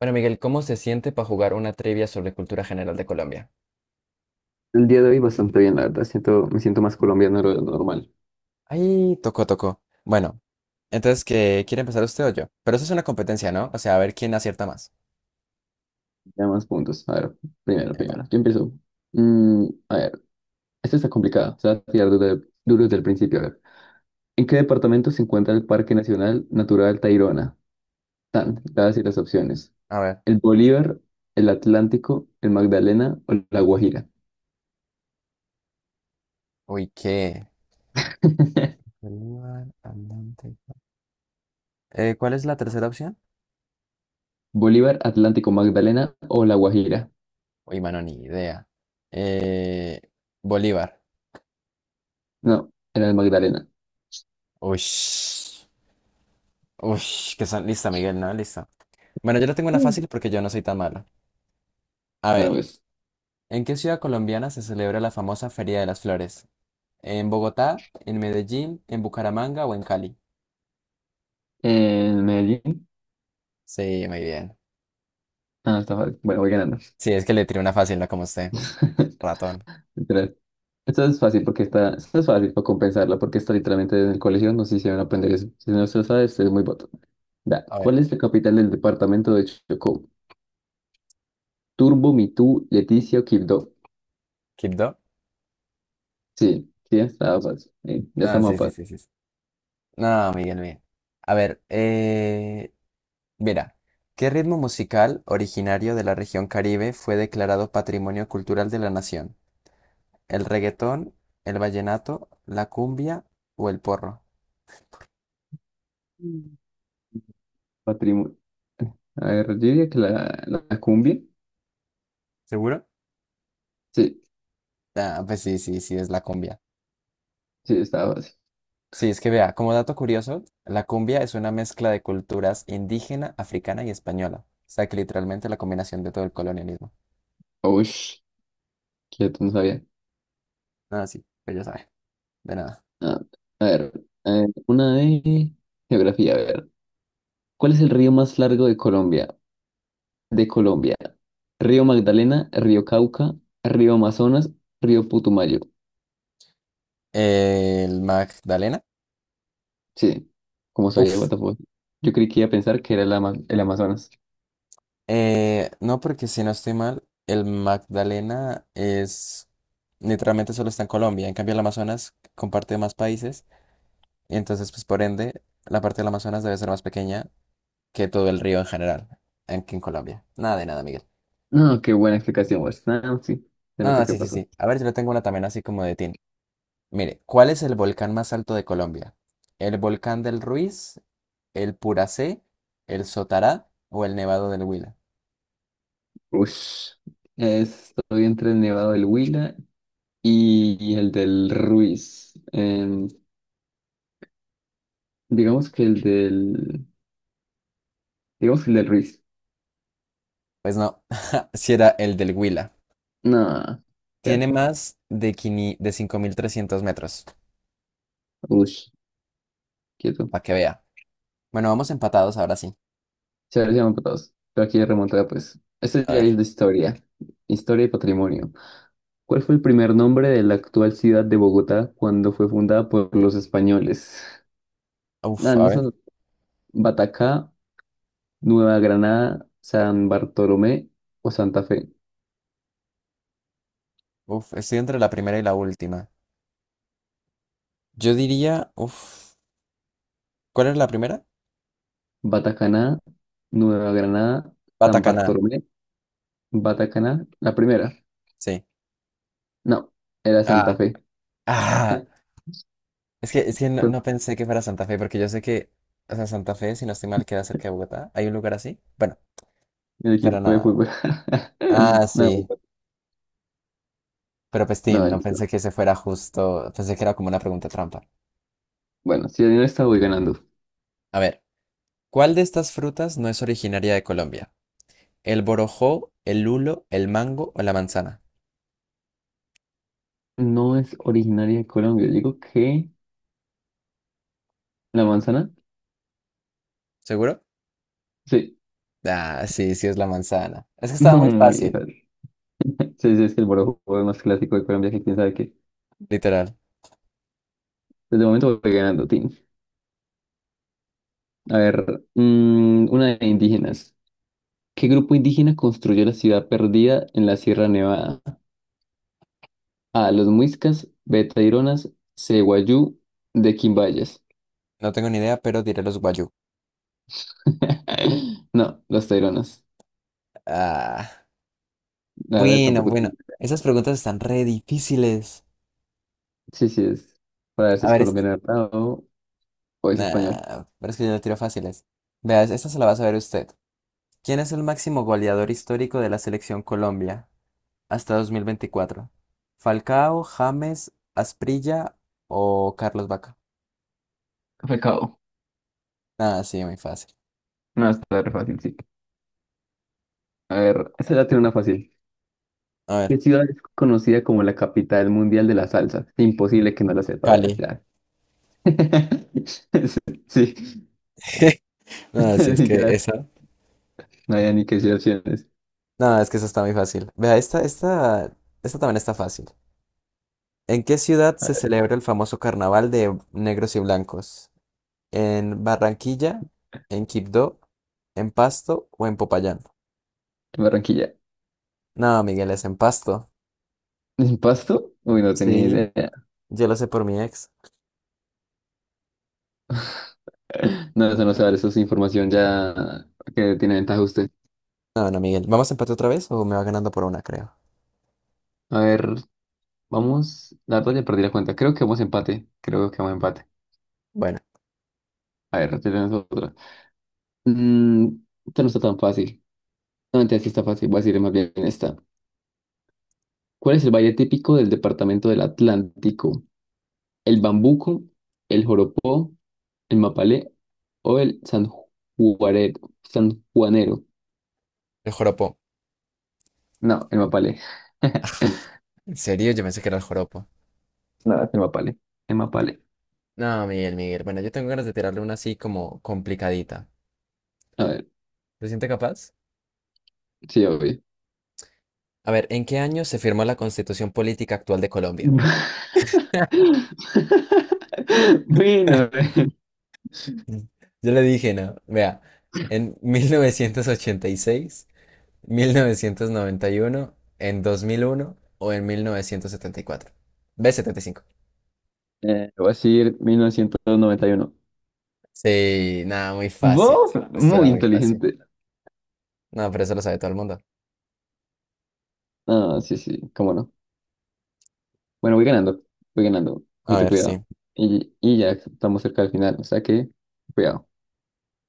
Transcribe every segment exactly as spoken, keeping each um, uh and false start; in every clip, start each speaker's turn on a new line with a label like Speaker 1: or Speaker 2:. Speaker 1: Bueno, Miguel, ¿cómo se siente para jugar una trivia sobre cultura general de Colombia?
Speaker 2: El día de hoy bastante bien, la verdad. Siento, me siento más colombiano de lo normal.
Speaker 1: Ahí, tocó, tocó. Bueno, entonces, ¿qué quiere empezar usted o yo? Pero eso es una competencia, ¿no? O sea, a ver quién acierta más.
Speaker 2: Ya más puntos. A ver, primero,
Speaker 1: Epa,
Speaker 2: primero. Yo empiezo. Mm, a ver, esto está complicado. Se va a tirar duro, de- duro desde el principio. A ver. ¿En qué departamento se encuentra el Parque Nacional Natural Tayrona? Tan, te voy a decir las opciones.
Speaker 1: a ver.
Speaker 2: ¿El Bolívar, el Atlántico, el Magdalena o la Guajira?
Speaker 1: Uy, ¿qué? Bolívar, Andante. Eh, ¿cuál es la tercera opción?
Speaker 2: Bolívar, Atlántico, Magdalena o la Guajira.
Speaker 1: Uy, mano, ni idea. Eh, Bolívar.
Speaker 2: No, era el Magdalena.
Speaker 1: Uy, uy, que son... Lista, Miguel, ¿no? Lista. Bueno, yo le tengo una
Speaker 2: Mm.
Speaker 1: fácil porque yo no soy tan malo. A
Speaker 2: Bueno,
Speaker 1: ver,
Speaker 2: pues.
Speaker 1: ¿en qué ciudad colombiana se celebra la famosa Feria de las Flores? ¿En Bogotá, en Medellín, en Bucaramanga o en Cali?
Speaker 2: ¿En Medellín?
Speaker 1: Sí, muy bien.
Speaker 2: Ah, está fácil. Bueno, voy ganando.
Speaker 1: Sí, es que le tiré una fácil, no como usted. Ratón.
Speaker 2: Literal. Esta es fácil porque está, esta es fácil para compensarla porque está literalmente en el colegio, no sé si van a aprender eso. Si no se lo sabes, es muy boto. Da,
Speaker 1: A ver,
Speaker 2: ¿cuál es la capital del departamento de Chocó? Turbo, Mitú, Leticia o Quibdó.
Speaker 1: ¿Quibdó?
Speaker 2: Sí, sí, estaba fácil. Eh, ya
Speaker 1: No,
Speaker 2: estamos a
Speaker 1: sí, sí, sí, sí, sí. No, Miguel, bien. A ver, eh, mira, ¿qué ritmo musical originario de la región Caribe fue declarado Patrimonio Cultural de la Nación? ¿El reggaetón, el vallenato, la cumbia o el porro?
Speaker 2: patrimonio. A ver, yo diría que la, la, la cumbia.
Speaker 1: ¿Seguro?
Speaker 2: Sí,
Speaker 1: Ah, pues sí, sí, sí, es la cumbia.
Speaker 2: sí, estaba fácil.
Speaker 1: Sí, es que vea, como dato curioso, la cumbia es una mezcla de culturas indígena, africana y española. O sea que literalmente la combinación de todo el colonialismo.
Speaker 2: Uy, quieto, no sabía.
Speaker 1: Ah, sí, pues ya sabe, de nada.
Speaker 2: Ah, a ver, eh, una de geografía, a ver. ¿Cuál es el río más largo de Colombia? De Colombia. Río Magdalena, Río Cauca, Río Amazonas, Río Putumayo.
Speaker 1: El Magdalena.
Speaker 2: Sí, como sabía, what
Speaker 1: Uf.
Speaker 2: the fuck. Yo creí que iba a pensar que era el, Ama- el Amazonas.
Speaker 1: Eh, no, porque si no estoy mal, el Magdalena es literalmente solo está en Colombia. En cambio, el Amazonas comparte más países. Y entonces, pues por ende, la parte del Amazonas debe ser más pequeña que todo el río en general, en- que en Colombia. Nada de nada, Miguel.
Speaker 2: No, qué buena explicación, Wes. Ah, sí, se
Speaker 1: No,
Speaker 2: nota
Speaker 1: no,
Speaker 2: qué
Speaker 1: sí, sí,
Speaker 2: pasó.
Speaker 1: sí. A ver, yo le tengo una también así como de Tin. Mire, ¿cuál es el volcán más alto de Colombia? ¿El volcán del Ruiz, el Puracé, el Sotará o el Nevado del Huila?
Speaker 2: Ush. Estoy entre el Nevado del Huila y, y el del Ruiz. Em, digamos que el del... Digamos que el del Ruiz.
Speaker 1: Pues no, si era el del Huila.
Speaker 2: No,
Speaker 1: Tiene
Speaker 2: quieto.
Speaker 1: más de, quini- de cinco mil trescientos metros,
Speaker 2: Ush, quieto.
Speaker 1: para que vea. Bueno, vamos empatados ahora sí.
Speaker 2: Se los llaman patados. Pero aquí remontada, pues. Esto
Speaker 1: A
Speaker 2: ya es
Speaker 1: ver.
Speaker 2: de historia. Historia y patrimonio. ¿Cuál fue el primer nombre de la actual ciudad de Bogotá cuando fue fundada por los españoles?
Speaker 1: Uf,
Speaker 2: Ah,
Speaker 1: a
Speaker 2: no
Speaker 1: ver.
Speaker 2: son Batacá, Nueva Granada, San Bartolomé o Santa Fe.
Speaker 1: Uf, estoy entre la primera y la última. Yo diría, uf, ¿cuál es la primera?
Speaker 2: Batacaná, Nueva Granada, San
Speaker 1: Batacaná,
Speaker 2: Bartolomé, Batacaná, la primera.
Speaker 1: sí.
Speaker 2: No, era Santa
Speaker 1: Ah,
Speaker 2: Fe.
Speaker 1: ah. Es que, es que no,
Speaker 2: Fue
Speaker 1: no pensé que fuera Santa Fe, porque yo sé que, o sea, Santa Fe, si no estoy mal, queda cerca de Bogotá. ¿Hay un lugar así? Bueno,
Speaker 2: El
Speaker 1: pero
Speaker 2: equipo de
Speaker 1: nada.
Speaker 2: fútbol.
Speaker 1: Ah, sí. Pero
Speaker 2: No,
Speaker 1: Pestín,
Speaker 2: no,
Speaker 1: no
Speaker 2: listo.
Speaker 1: pensé que ese fuera justo. Pensé que era como una pregunta trampa.
Speaker 2: Bueno, si no está, voy ganando.
Speaker 1: A ver, ¿cuál de estas frutas no es originaria de Colombia? ¿El borojó, el lulo, el mango o la manzana?
Speaker 2: No es originaria de Colombia. Yo digo que la manzana.
Speaker 1: ¿Seguro?
Speaker 2: Sí,
Speaker 1: Ah, sí, sí es la manzana. Es que estaba
Speaker 2: no,
Speaker 1: muy
Speaker 2: muy
Speaker 1: fácil,
Speaker 2: fácil. Sí, sí, es que el borojó es más clásico de Colombia que quién sabe qué.
Speaker 1: literal.
Speaker 2: Desde el momento voy ganando, Tim. A ver, mm, una de indígenas. ¿Qué grupo indígena construyó la ciudad perdida en la Sierra Nevada? A. Los Muiscas, B. Taironas, C. Guayú, D. Quimbayas.
Speaker 1: No tengo ni idea, pero diré los guayú.
Speaker 2: No, los Taironas.
Speaker 1: Ah,
Speaker 2: La verdad
Speaker 1: bueno,
Speaker 2: tampoco.
Speaker 1: bueno.
Speaker 2: tengo-
Speaker 1: Esas preguntas están re difíciles.
Speaker 2: Sí, sí, es. Para ver si
Speaker 1: A
Speaker 2: es
Speaker 1: ver, es-
Speaker 2: colombiano, ¿verdad? o o es español.
Speaker 1: Nah, pero es que yo no tiro fáciles. Veas, esta se la va a saber usted. ¿Quién es el máximo goleador histórico de la selección Colombia hasta dos mil veinticuatro? ¿Falcao, James, Asprilla o Carlos Vaca?
Speaker 2: Pecado.
Speaker 1: Ah, sí, muy fácil.
Speaker 2: No, está re fácil, sí. A ver, esta ya tiene una fácil.
Speaker 1: A
Speaker 2: ¿Qué
Speaker 1: ver,
Speaker 2: ciudad es conocida como la capital mundial de la salsa? Imposible que no la sepa, ¿verdad?
Speaker 1: Cali.
Speaker 2: Ya. Sí,
Speaker 1: No, sí, es que
Speaker 2: ya.
Speaker 1: esa.
Speaker 2: No hay ni que decir opciones.
Speaker 1: No, es que esa está muy fácil. Vea, esta, esta, esta también está fácil. ¿En qué ciudad
Speaker 2: A
Speaker 1: se
Speaker 2: ver,
Speaker 1: celebra el famoso carnaval de negros y blancos? ¿En Barranquilla, en Quibdó, en Pasto o en Popayán?
Speaker 2: Barranquilla.
Speaker 1: No, Miguel, es en Pasto.
Speaker 2: ¿Pasto? Uy, no tenía
Speaker 1: Sí,
Speaker 2: idea.
Speaker 1: yo lo sé por mi ex.
Speaker 2: No, eso no sabe, eso es información ya que tiene ventaja usted.
Speaker 1: No, no, Miguel. ¿Vamos a empate otra vez o me va ganando por una, creo?
Speaker 2: A ver, vamos. La verdad ya perdí la cuenta. Creo que vamos a empate. Creo que vamos a empate.
Speaker 1: Bueno,
Speaker 2: A ver, tenemos otra. Mm, esta no está tan fácil. No, mentira, sí está fácil. Voy a decir más bien esta. ¿Cuál es el baile típico del departamento del Atlántico? ¿El bambuco, el joropó, el mapalé o el sanjuarero? Sanjuanero.
Speaker 1: el joropo.
Speaker 2: No, el mapalé.
Speaker 1: ¿En serio? Yo pensé que era el joropo.
Speaker 2: No, es el mapalé. El mapalé.
Speaker 1: No, Miguel, Miguel. Bueno, yo tengo ganas de tirarle una así como complicadita.
Speaker 2: A ver,
Speaker 1: ¿Se siente capaz?
Speaker 2: sí, obvio.
Speaker 1: A ver, ¿en qué año se firmó la constitución política actual de Colombia?
Speaker 2: Bueno, eh,
Speaker 1: Yo le dije, no. Vea, en mil mil novecientos novecientos ochenta y seis, mil novecientos noventa y uno, en dos mil uno o en mil novecientos setenta y cuatro. B setenta y cinco.
Speaker 2: eh, voy a decir mil novecientos noventa y uno.
Speaker 1: Sí, nada, muy fácil.
Speaker 2: ¿Vos?
Speaker 1: Está
Speaker 2: Muy
Speaker 1: muy fácil.
Speaker 2: inteligente.
Speaker 1: No, pero eso lo sabe todo el mundo.
Speaker 2: Ah, sí, sí, cómo no. Bueno, voy ganando, voy ganando.
Speaker 1: A
Speaker 2: Ojito,
Speaker 1: ver,
Speaker 2: cuidado.
Speaker 1: sí.
Speaker 2: Y, y ya estamos cerca del final, o sea que, cuidado.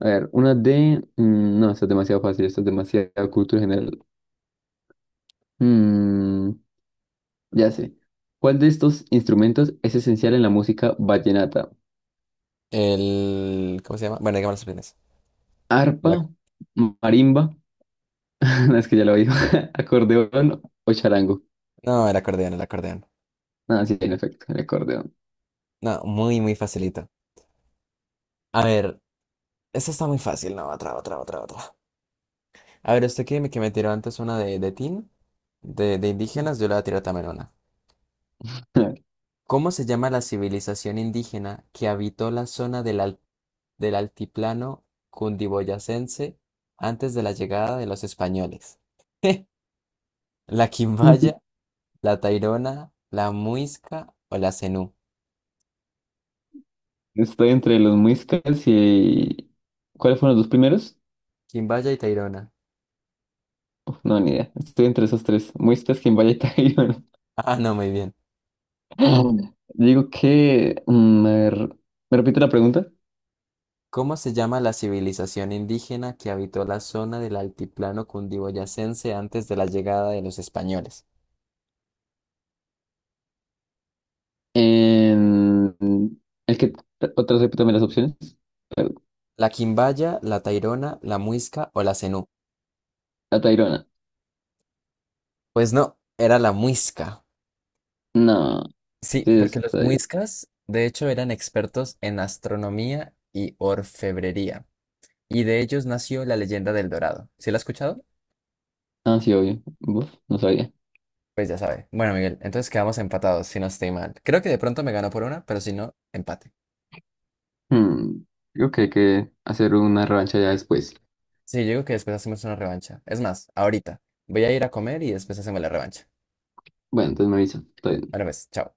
Speaker 2: A ver, una de... mm, no, esto es demasiado fácil, esto es demasiado cultura general. Mm, ya sé. ¿Cuál de estos instrumentos es esencial en la música vallenata?
Speaker 1: El... ¿Cómo se llama? Bueno, dígame los opciones.
Speaker 2: ¿Arpa,
Speaker 1: La-
Speaker 2: marimba, no, es que ya lo digo, acordeón o charango?
Speaker 1: No, el acordeón, el acordeón.
Speaker 2: Ah, sí, en efecto, el acordeón.
Speaker 1: No, muy, muy facilito. A ver, esta está muy fácil. No, otra, otra, otra, otra. A ver, usted que me, que me tiró antes una de, de Tin, de, de indígenas, yo le voy a tirar también una. ¿Cómo se llama la civilización indígena que habitó la zona del, al- del altiplano cundiboyacense antes de la llegada de los españoles? ¿La Quimbaya, la Tairona, la Muisca o la Zenú?
Speaker 2: Estoy entre los muiscas y... ¿Cuáles fueron los dos primeros?
Speaker 1: Quimbaya y Tairona.
Speaker 2: Uf, no, ni idea. Estoy entre esos tres. Muistas, Quimbaya y Tayrona.
Speaker 1: Ah, no, muy bien.
Speaker 2: Digo que... mm, a ver, ¿me repite la pregunta?
Speaker 1: ¿Cómo se llama la civilización indígena que habitó la zona del altiplano cundiboyacense antes de la llegada de los españoles?
Speaker 2: En... El que... Otra vez repítame las opciones.
Speaker 1: ¿La Quimbaya, la Tairona, la Muisca o la Zenú?
Speaker 2: La Tayrona.
Speaker 1: Pues no, era la Muisca.
Speaker 2: No.
Speaker 1: Sí,
Speaker 2: Sí,
Speaker 1: porque los
Speaker 2: está bien.
Speaker 1: muiscas, de hecho, eran expertos en astronomía y orfebrería. Y de ellos nació la leyenda del Dorado. ¿Sí la has escuchado?
Speaker 2: Ah, sí, obvio. Uf, no sabía.
Speaker 1: Pues ya sabe. Bueno, Miguel, entonces quedamos empatados, si no estoy mal. Creo que de pronto me ganó por una, pero si no, empate.
Speaker 2: Hmm, Digo que hay que hacer una revancha ya después.
Speaker 1: Sí, yo digo que después hacemos una revancha. Es más, ahorita. Voy a ir a comer y después hacemos la revancha.
Speaker 2: Bueno, entonces me avisa.
Speaker 1: Ahora pues, chao.